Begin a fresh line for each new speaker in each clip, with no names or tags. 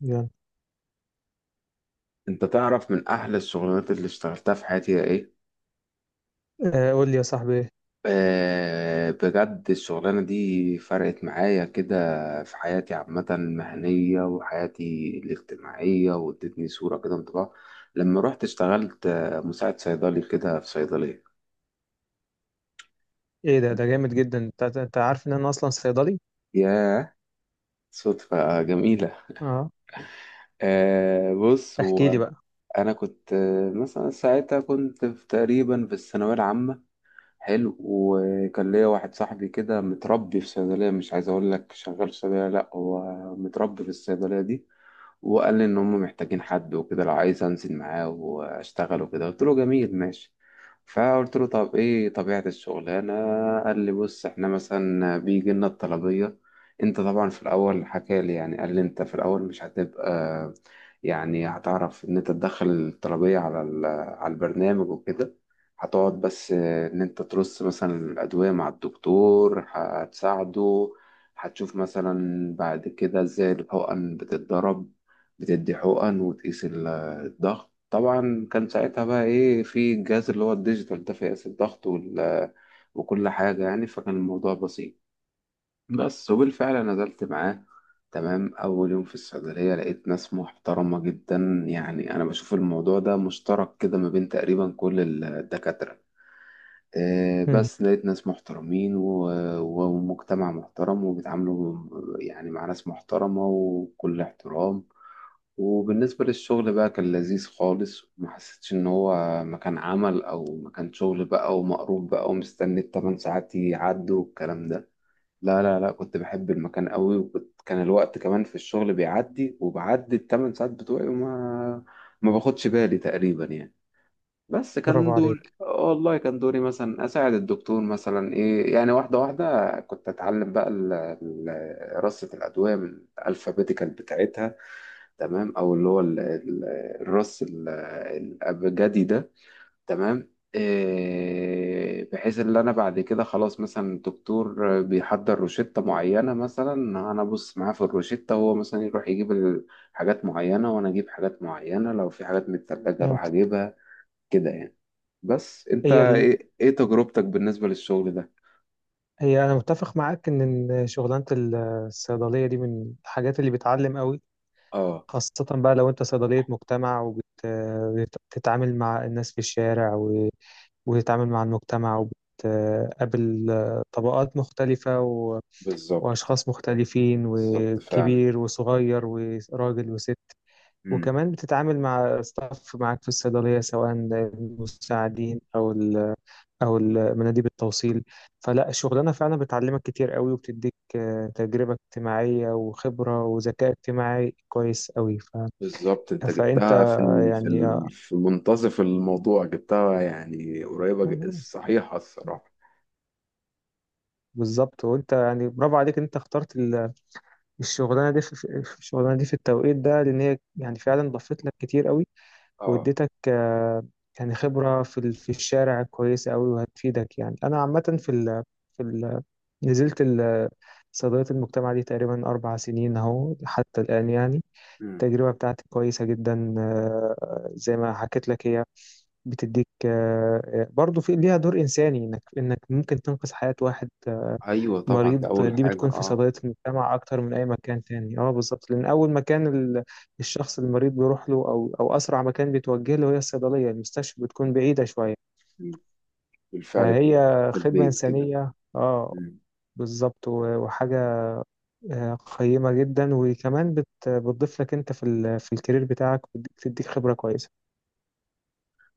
يلا.
انت تعرف من احلى الشغلانات اللي اشتغلتها في حياتي هي ايه؟
آه، قول لي يا صاحبي.
آه، بجد الشغلانه دي فرقت معايا كده في حياتي عامه المهنيه وحياتي الاجتماعيه. وادتني صوره كده انطباع لما رحت اشتغلت مساعد صيدلي كده في صيدليه.
ايه ده جامد جدا، انت عارف ان انا اصلا صيدلي.
ياه، صدفه جميله.
اه،
آه، بص
احكي لي
هو
بقى.
انا كنت مثلا ساعتها كنت في تقريبا في الثانويه العامه. حلو، وكان ليا واحد صاحبي كده متربي في صيدلية، مش عايز أقول لك شغال في صيدلية، لأ هو متربي في الصيدلية دي. وقال لي ان هم محتاجين حد وكده، لو عايز انزل معاه واشتغل وكده. قلت له جميل ماشي. فقلت له طب ايه طبيعة الشغلانة؟ قال لي بص احنا مثلا بيجي لنا الطلبية. انت طبعا في الاول حكى لي، يعني قال لي انت في الاول مش هتبقى، يعني هتعرف ان انت تدخل الطلبية على على البرنامج وكده. هتقعد بس ان انت ترص مثلا الادوية مع الدكتور، هتساعده. هتشوف مثلا بعد كده ازاي الحقن بتتضرب، بتدي حقن وتقيس الضغط. طبعا كان ساعتها بقى ايه، في الجهاز اللي هو الديجيتال ده، فيقيس الضغط وال- وكل حاجة يعني. فكان الموضوع بسيط بس، وبالفعل نزلت معاه. تمام، أول يوم في الصيدلية لقيت ناس محترمة جدا. يعني أنا بشوف الموضوع ده مشترك كده ما بين تقريبا كل الدكاترة.
مم.
بس لقيت ناس محترمين ومجتمع محترم وبيتعاملوا يعني مع ناس محترمة وكل احترام. وبالنسبة للشغل بقى، كان لذيذ خالص، وما حسيتش إن هو مكان عمل أو مكان شغل بقى، ومقروب بقى ومستني التمن ساعات يعدوا والكلام ده. لا لا لا، كنت بحب المكان قوي، وكنت كان الوقت كمان في الشغل بيعدي، وبعدي التمن ساعات بتوعي وما ما باخدش بالي تقريبا يعني. بس
برافو
كان دور،
عليك.
والله كان دوري مثلا أساعد الدكتور مثلا إيه يعني. واحدة واحدة كنت أتعلم بقى رصة الأدوية من الألفابيتيكال بتاعتها. تمام، او اللي هو الراس الابجدي ده. تمام إيه، بحيث ان انا بعد كده خلاص مثلا الدكتور بيحضر روشتة معينة، مثلا انا ابص معاه في الروشتة، هو مثلا يروح يجيب حاجات معينة وانا اجيب حاجات معينة، لو في حاجات متثلجة اروح
فهمت.
اجيبها كده يعني. بس انت
هي ال...
ايه، إيه تجربتك بالنسبة للشغل ده؟
هي انا متفق معاك ان، إن شغلانه الصيدليه دي من الحاجات اللي بتعلم قوي،
اه.
خاصه بقى لو انت صيدليه مجتمع، وبتتعامل مع الناس في الشارع وتتعامل مع المجتمع، وبتقابل طبقات مختلفه
بالظبط.
واشخاص مختلفين،
بالظبط فعلا.
وكبير وصغير وراجل وست.
إمم.
وكمان بتتعامل مع ستاف معاك في الصيدلية، سواء المساعدين أو مناديب التوصيل. فلا الشغلانة فعلا بتعلمك كتير قوي، وبتديك تجربة اجتماعية وخبرة وذكاء اجتماعي كويس قوي
بالظبط، انت
فأنت
جبتها في ال... في
يعني
ال... في منتصف الموضوع جبتها، يعني قريبة، صحيحة الصراحة.
بالظبط. وأنت يعني برافو عليك إن أنت اخترت الشغلانة دي في التوقيت ده، لأن هي يعني فعلا ضافت لك كتير قوي،
اه.
واديتك يعني خبرة في الشارع كويسة أوي وهتفيدك. يعني أنا عامة في ال في ال نزلت ال- صيدلية المجتمع دي تقريبا 4 سنين أهو حتى الآن يعني.
مم.
التجربة بتاعتي كويسة جدا، زي ما حكيت لك هي بتديك، برضو في ليها دور إنساني، إنك ممكن تنقذ حياة واحد
ايوه طبعا، ده
مريض.
اول
دي
حاجة،
بتكون في
اه.
صيدلية المجتمع أكتر من أي مكان تاني، أه بالظبط، لأن أول مكان الشخص المريض بيروح له، أو أسرع مكان بيتوجه له هي الصيدلية. المستشفى بتكون بعيدة شوية.
مم. بالفعل،
فهي
بتبقى تحت
خدمة
البيت كده.
إنسانية، أه
مم.
بالظبط، و- وحاجة قيمة جدا، وكمان بتضيف لك أنت في الكارير بتاعك، وبتديك خبرة كويسة.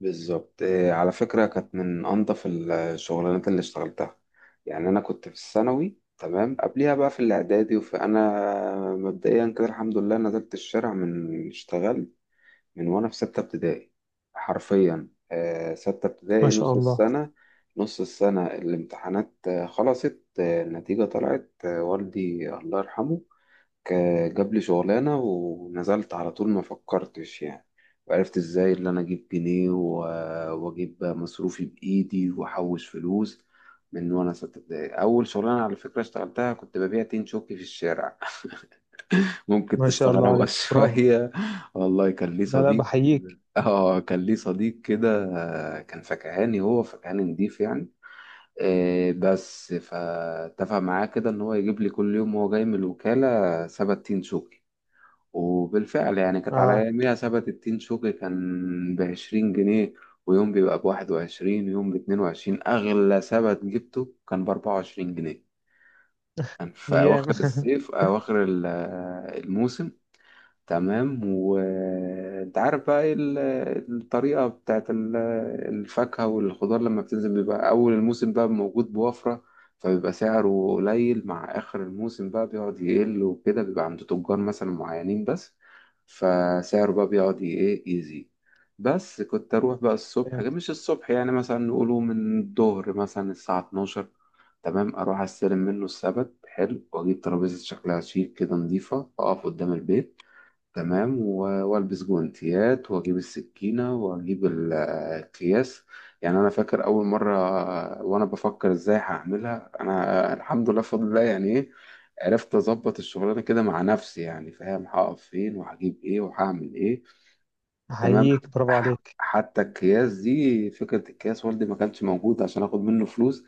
بالظبط. آه، على فكرة كانت من انظف الشغلانات اللي اشتغلتها. يعني انا كنت في الثانوي تمام، قبليها بقى في الاعدادي، وفي- انا مبدئيا كده الحمد لله نزلت الشارع، من اشتغلت من وانا في ستة ابتدائي. حرفيا ستة
ما
ابتدائي
شاء
نص
الله.
السنة. نص السنة الامتحانات خلصت، النتيجة طلعت، والدي الله يرحمه جاب لي شغلانة ونزلت على طول، ما فكرتش يعني. وعرفت ازاي اللي انا اجيب جنيه و- واجيب مصروفي بايدي واحوش فلوس من وانا ستة ابتدائي. اول شغلانة على فكرة اشتغلتها كنت ببيع تين شوكي في الشارع، ممكن
ما شاء الله
تستغربها
عليك، برافو.
شوية. والله كان ليه
لا لا،
صديق.
بحييك.
اه كان ليه صديق كده، كان فكهاني، هو فكهاني نضيف يعني. بس فاتفق معاه كده ان هو يجيب لي كل يوم وهو جاي من الوكالة سبت تين شوكي. وبالفعل يعني، كانت على
اه.
اياميها سبت التين شوكي كان ب20 جنيه. ويوم بيبقى ب21، ويوم ب22، اغلى سبت جبته كان ب24 جنيه. كان في
ايام
اواخر الصيف، اواخر الموسم. تمام، وانت عارف بقى ايه الطريقة بتاعت الفاكهة والخضار، لما بتنزل بيبقى أول الموسم بقى موجود بوفرة، فبيبقى سعره قليل. مع آخر الموسم بقى بيقعد يقل وكده، بيبقى عند تجار مثلا معينين بس، فسعره بقى بيقعد ايه يزيد. بس كنت أروح بقى الصبح،
فهمت.
مش الصبح يعني، مثلا نقوله من الظهر مثلا الساعة 12. تمام، أروح أستلم منه السبت حلو، وأجيب ترابيزة شكلها شيك كده نظيفة، أقف قدام البيت. تمام، و- والبس جوانتيات، واجيب السكينه، واجيب الاكياس. يعني انا فاكر اول مره وانا بفكر ازاي هعملها، انا الحمد لله بفضل الله يعني ايه عرفت اظبط الشغلانه كده مع نفسي، يعني فاهم، هقف فين وهجيب ايه وهعمل ايه. تمام،
احييك، برافو عليك.
حتى الكياس دي فكره، الكياس والدي ما كانش موجود عشان اخد منه فلوس.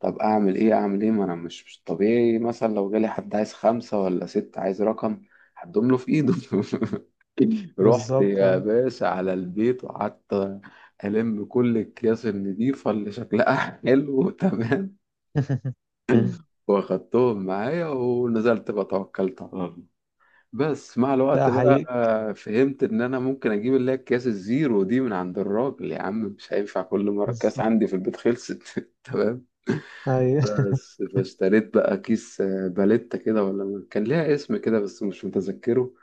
طب اعمل ايه، اعمل ايه، ما انا مش طبيعي مثلا لو جالي حد عايز خمسه ولا ست، عايز رقم هدوم له في ايده رحت
بالظبط،
يا
اه.
باشا على البيت وقعدت ألم كل الأكياس النضيفة اللي شكلها حلو. تمام، واخدتهم معايا ونزلت بقى، توكلت على الله. بس مع
لا
الوقت بقى
احييك.
فهمت إن أنا ممكن أجيب اللي هي الأكياس الزيرو دي من عند الراجل يا عم، مش هينفع كل مرة الكاس
بالظبط،
عندي في البيت خلصت تمام،
ايوه.
بس فاشتريت بقى كيس باليتا كده، ولا كان ليها اسم كده بس مش متذكره.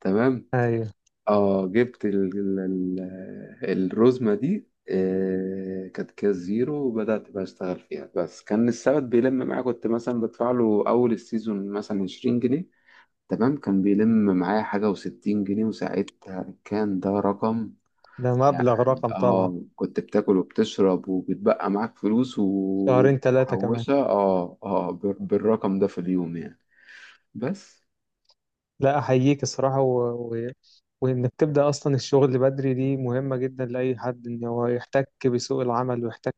تمام،
ايوه،
اه جبت الرزمة دي. كانت كاس زيرو، وبدأت بقى أشتغل فيها. بس كان السبت بيلم معايا، كنت مثلا بدفع له أول السيزون مثلا 20 جنيه، تمام، كان بيلم معايا حاجة وستين جنيه، وساعتها كان ده رقم
ده مبلغ،
يعني.
رقم طبعا.
اه كنت بتاكل وبتشرب وبتبقى معاك فلوس
شهرين ثلاثة كمان.
ومحوشة، اه اه بالرقم ده في اليوم يعني بس.
لا احييك الصراحة، و... وانك تبدأ اصلا الشغل بدري، دي مهمة جدا لأي حد، ان هو يحتك بسوق العمل ويحتك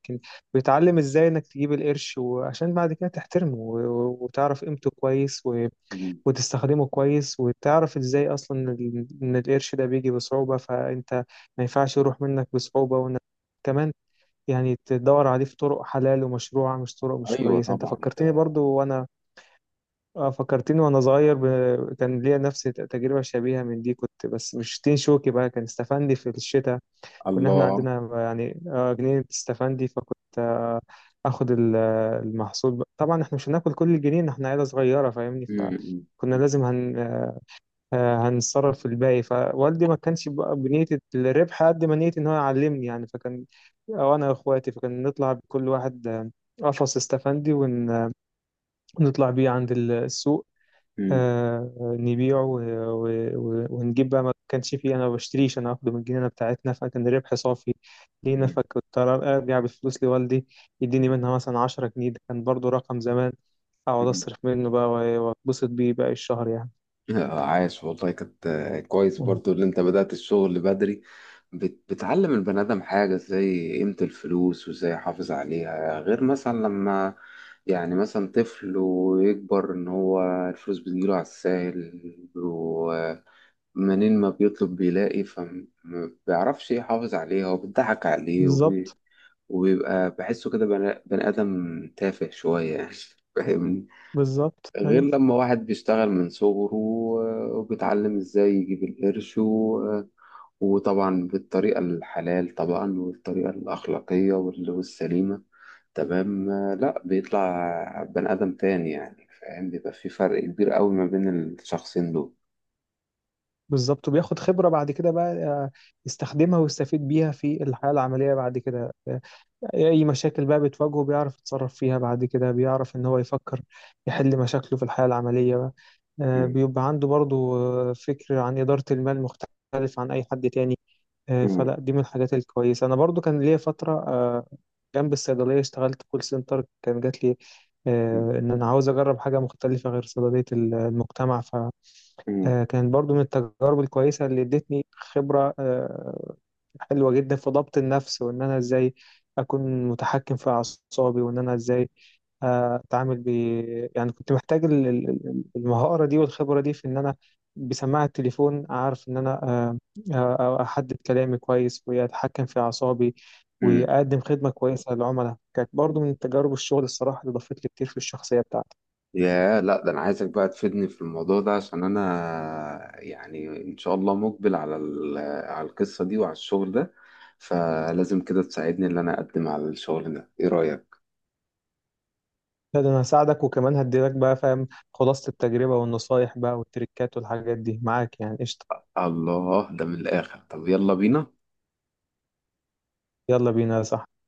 ويتعلم ازاي انك تجيب القرش، وعشان بعد كده تحترمه وتعرف قيمته كويس
مم.
وتستخدمه كويس. وتعرف ازاي اصلا ان إن القرش ده بيجي بصعوبة، فانت ما ينفعش يروح منك بصعوبة، وانك كمان يعني تدور عليه في طرق حلال ومشروعة، مش طرق مش
ايوه
كويسة. انت
طبعا
فكرتني
ده.
برضو، وانا فكرتني وانا صغير، كان ليا نفس تجربة شبيهة من دي، كنت بس مش تين شوكي بقى، كان استفندي في الشتاء. كنا احنا
الله.
عندنا يعني جنينة استفندي، فكنت اخد المحصول بقى. طبعا احنا مش هناكل كل الجنين، احنا عيلة صغيرة فاهمني،
مم.
فكنا
مم.
لازم هن آه، هنتصرف في الباقي. فوالدي ما كانش بقى بنية الربح، قد ما نية إن هو يعلمني يعني. أو أنا وإخواتي، فكان نطلع بكل واحد قفص استفندي، ونطلع بيه عند السوق،
مم.
نبيعه ونجيب بقى. ما كانش فيه أنا ما بشتريش، أنا باخده من الجنينة بتاعتنا، فكان الربح صافي لينا.
مم.
فكنت أرجع بالفلوس لوالدي، يديني منها مثلا 10 جنيه، ده كان برضو رقم زمان. أقعد
مم.
أصرف منه بقى، وأتبسط بيه باقي الشهر يعني.
آه، عاش والله، كانت كويس
مم.
برضو اللي انت بدأت الشغل بدري. بتعلم البني آدم حاجة زي قيمة الفلوس وازاي يحافظ عليها، غير مثلا لما يعني مثلا طفل ويكبر ان هو الفلوس بتجيله على الساهل، ومنين ما بيطلب بيلاقي، فما بيعرفش يحافظ عليها وبتضحك عليه
بالظبط.
وبيبقى بحسه كده بني آدم تافه شوية يعني فاهم.
بالظبط،
غير
ايوه.
لما واحد بيشتغل من صغره، وبيتعلم ازاي يجيب القرش و- وطبعا بالطريقة الحلال طبعا، والطريقة الأخلاقية والسليمة. تمام، لا بيطلع بني آدم تاني يعني فاهم، بيبقى في فرق كبير قوي ما بين الشخصين دول.
بالظبط. وبياخد خبرة بعد كده بقى، يستخدمها ويستفيد بيها في الحياة العملية بعد كده. أي مشاكل بقى بتواجهه، بيعرف يتصرف فيها بعد كده، بيعرف إن هو يفكر يحل مشاكله في الحياة العملية بقى.
مم.
بيبقى عنده برضو فكر عن إدارة المال مختلف عن أي حد تاني.
مم.
فلا دي من الحاجات الكويسة. أنا برضو كان ليا فترة جنب الصيدلية اشتغلت كول سنتر، كان جات لي
مم.
إن أنا عاوز أجرب حاجة مختلفة غير صيدلية المجتمع.
مم.
كانت برضو من التجارب الكويسة اللي ادتني خبرة حلوة جدا في ضبط النفس، وإن أنا إزاي أكون متحكم في أعصابي، وإن أنا إزاي أتعامل يعني. كنت محتاج المهارة دي والخبرة دي، في إن أنا بسماعة التليفون أعرف إن أنا أحدد كلامي كويس، وأتحكم في أعصابي،
مم.
وأقدم خدمة كويسة للعملاء. كانت برضو من تجارب الشغل الصراحة اللي ضافت لي كتير في الشخصية بتاعتي.
يا لا، ده انا عايزك بقى تفيدني في الموضوع ده، عشان انا يعني ان شاء الله مقبل على على القصة دي وعلى الشغل ده. فلازم كده تساعدني ان انا اقدم على الشغل ده، ايه رأيك؟
لا ده انا هساعدك، وكمان هديلك بقى فاهم، خلاصة التجربة والنصايح بقى والتريكات والحاجات دي معاك يعني، قشطة.
الله، ده من الاخر. طب يلا بينا.
يلا بينا يا صاحبي.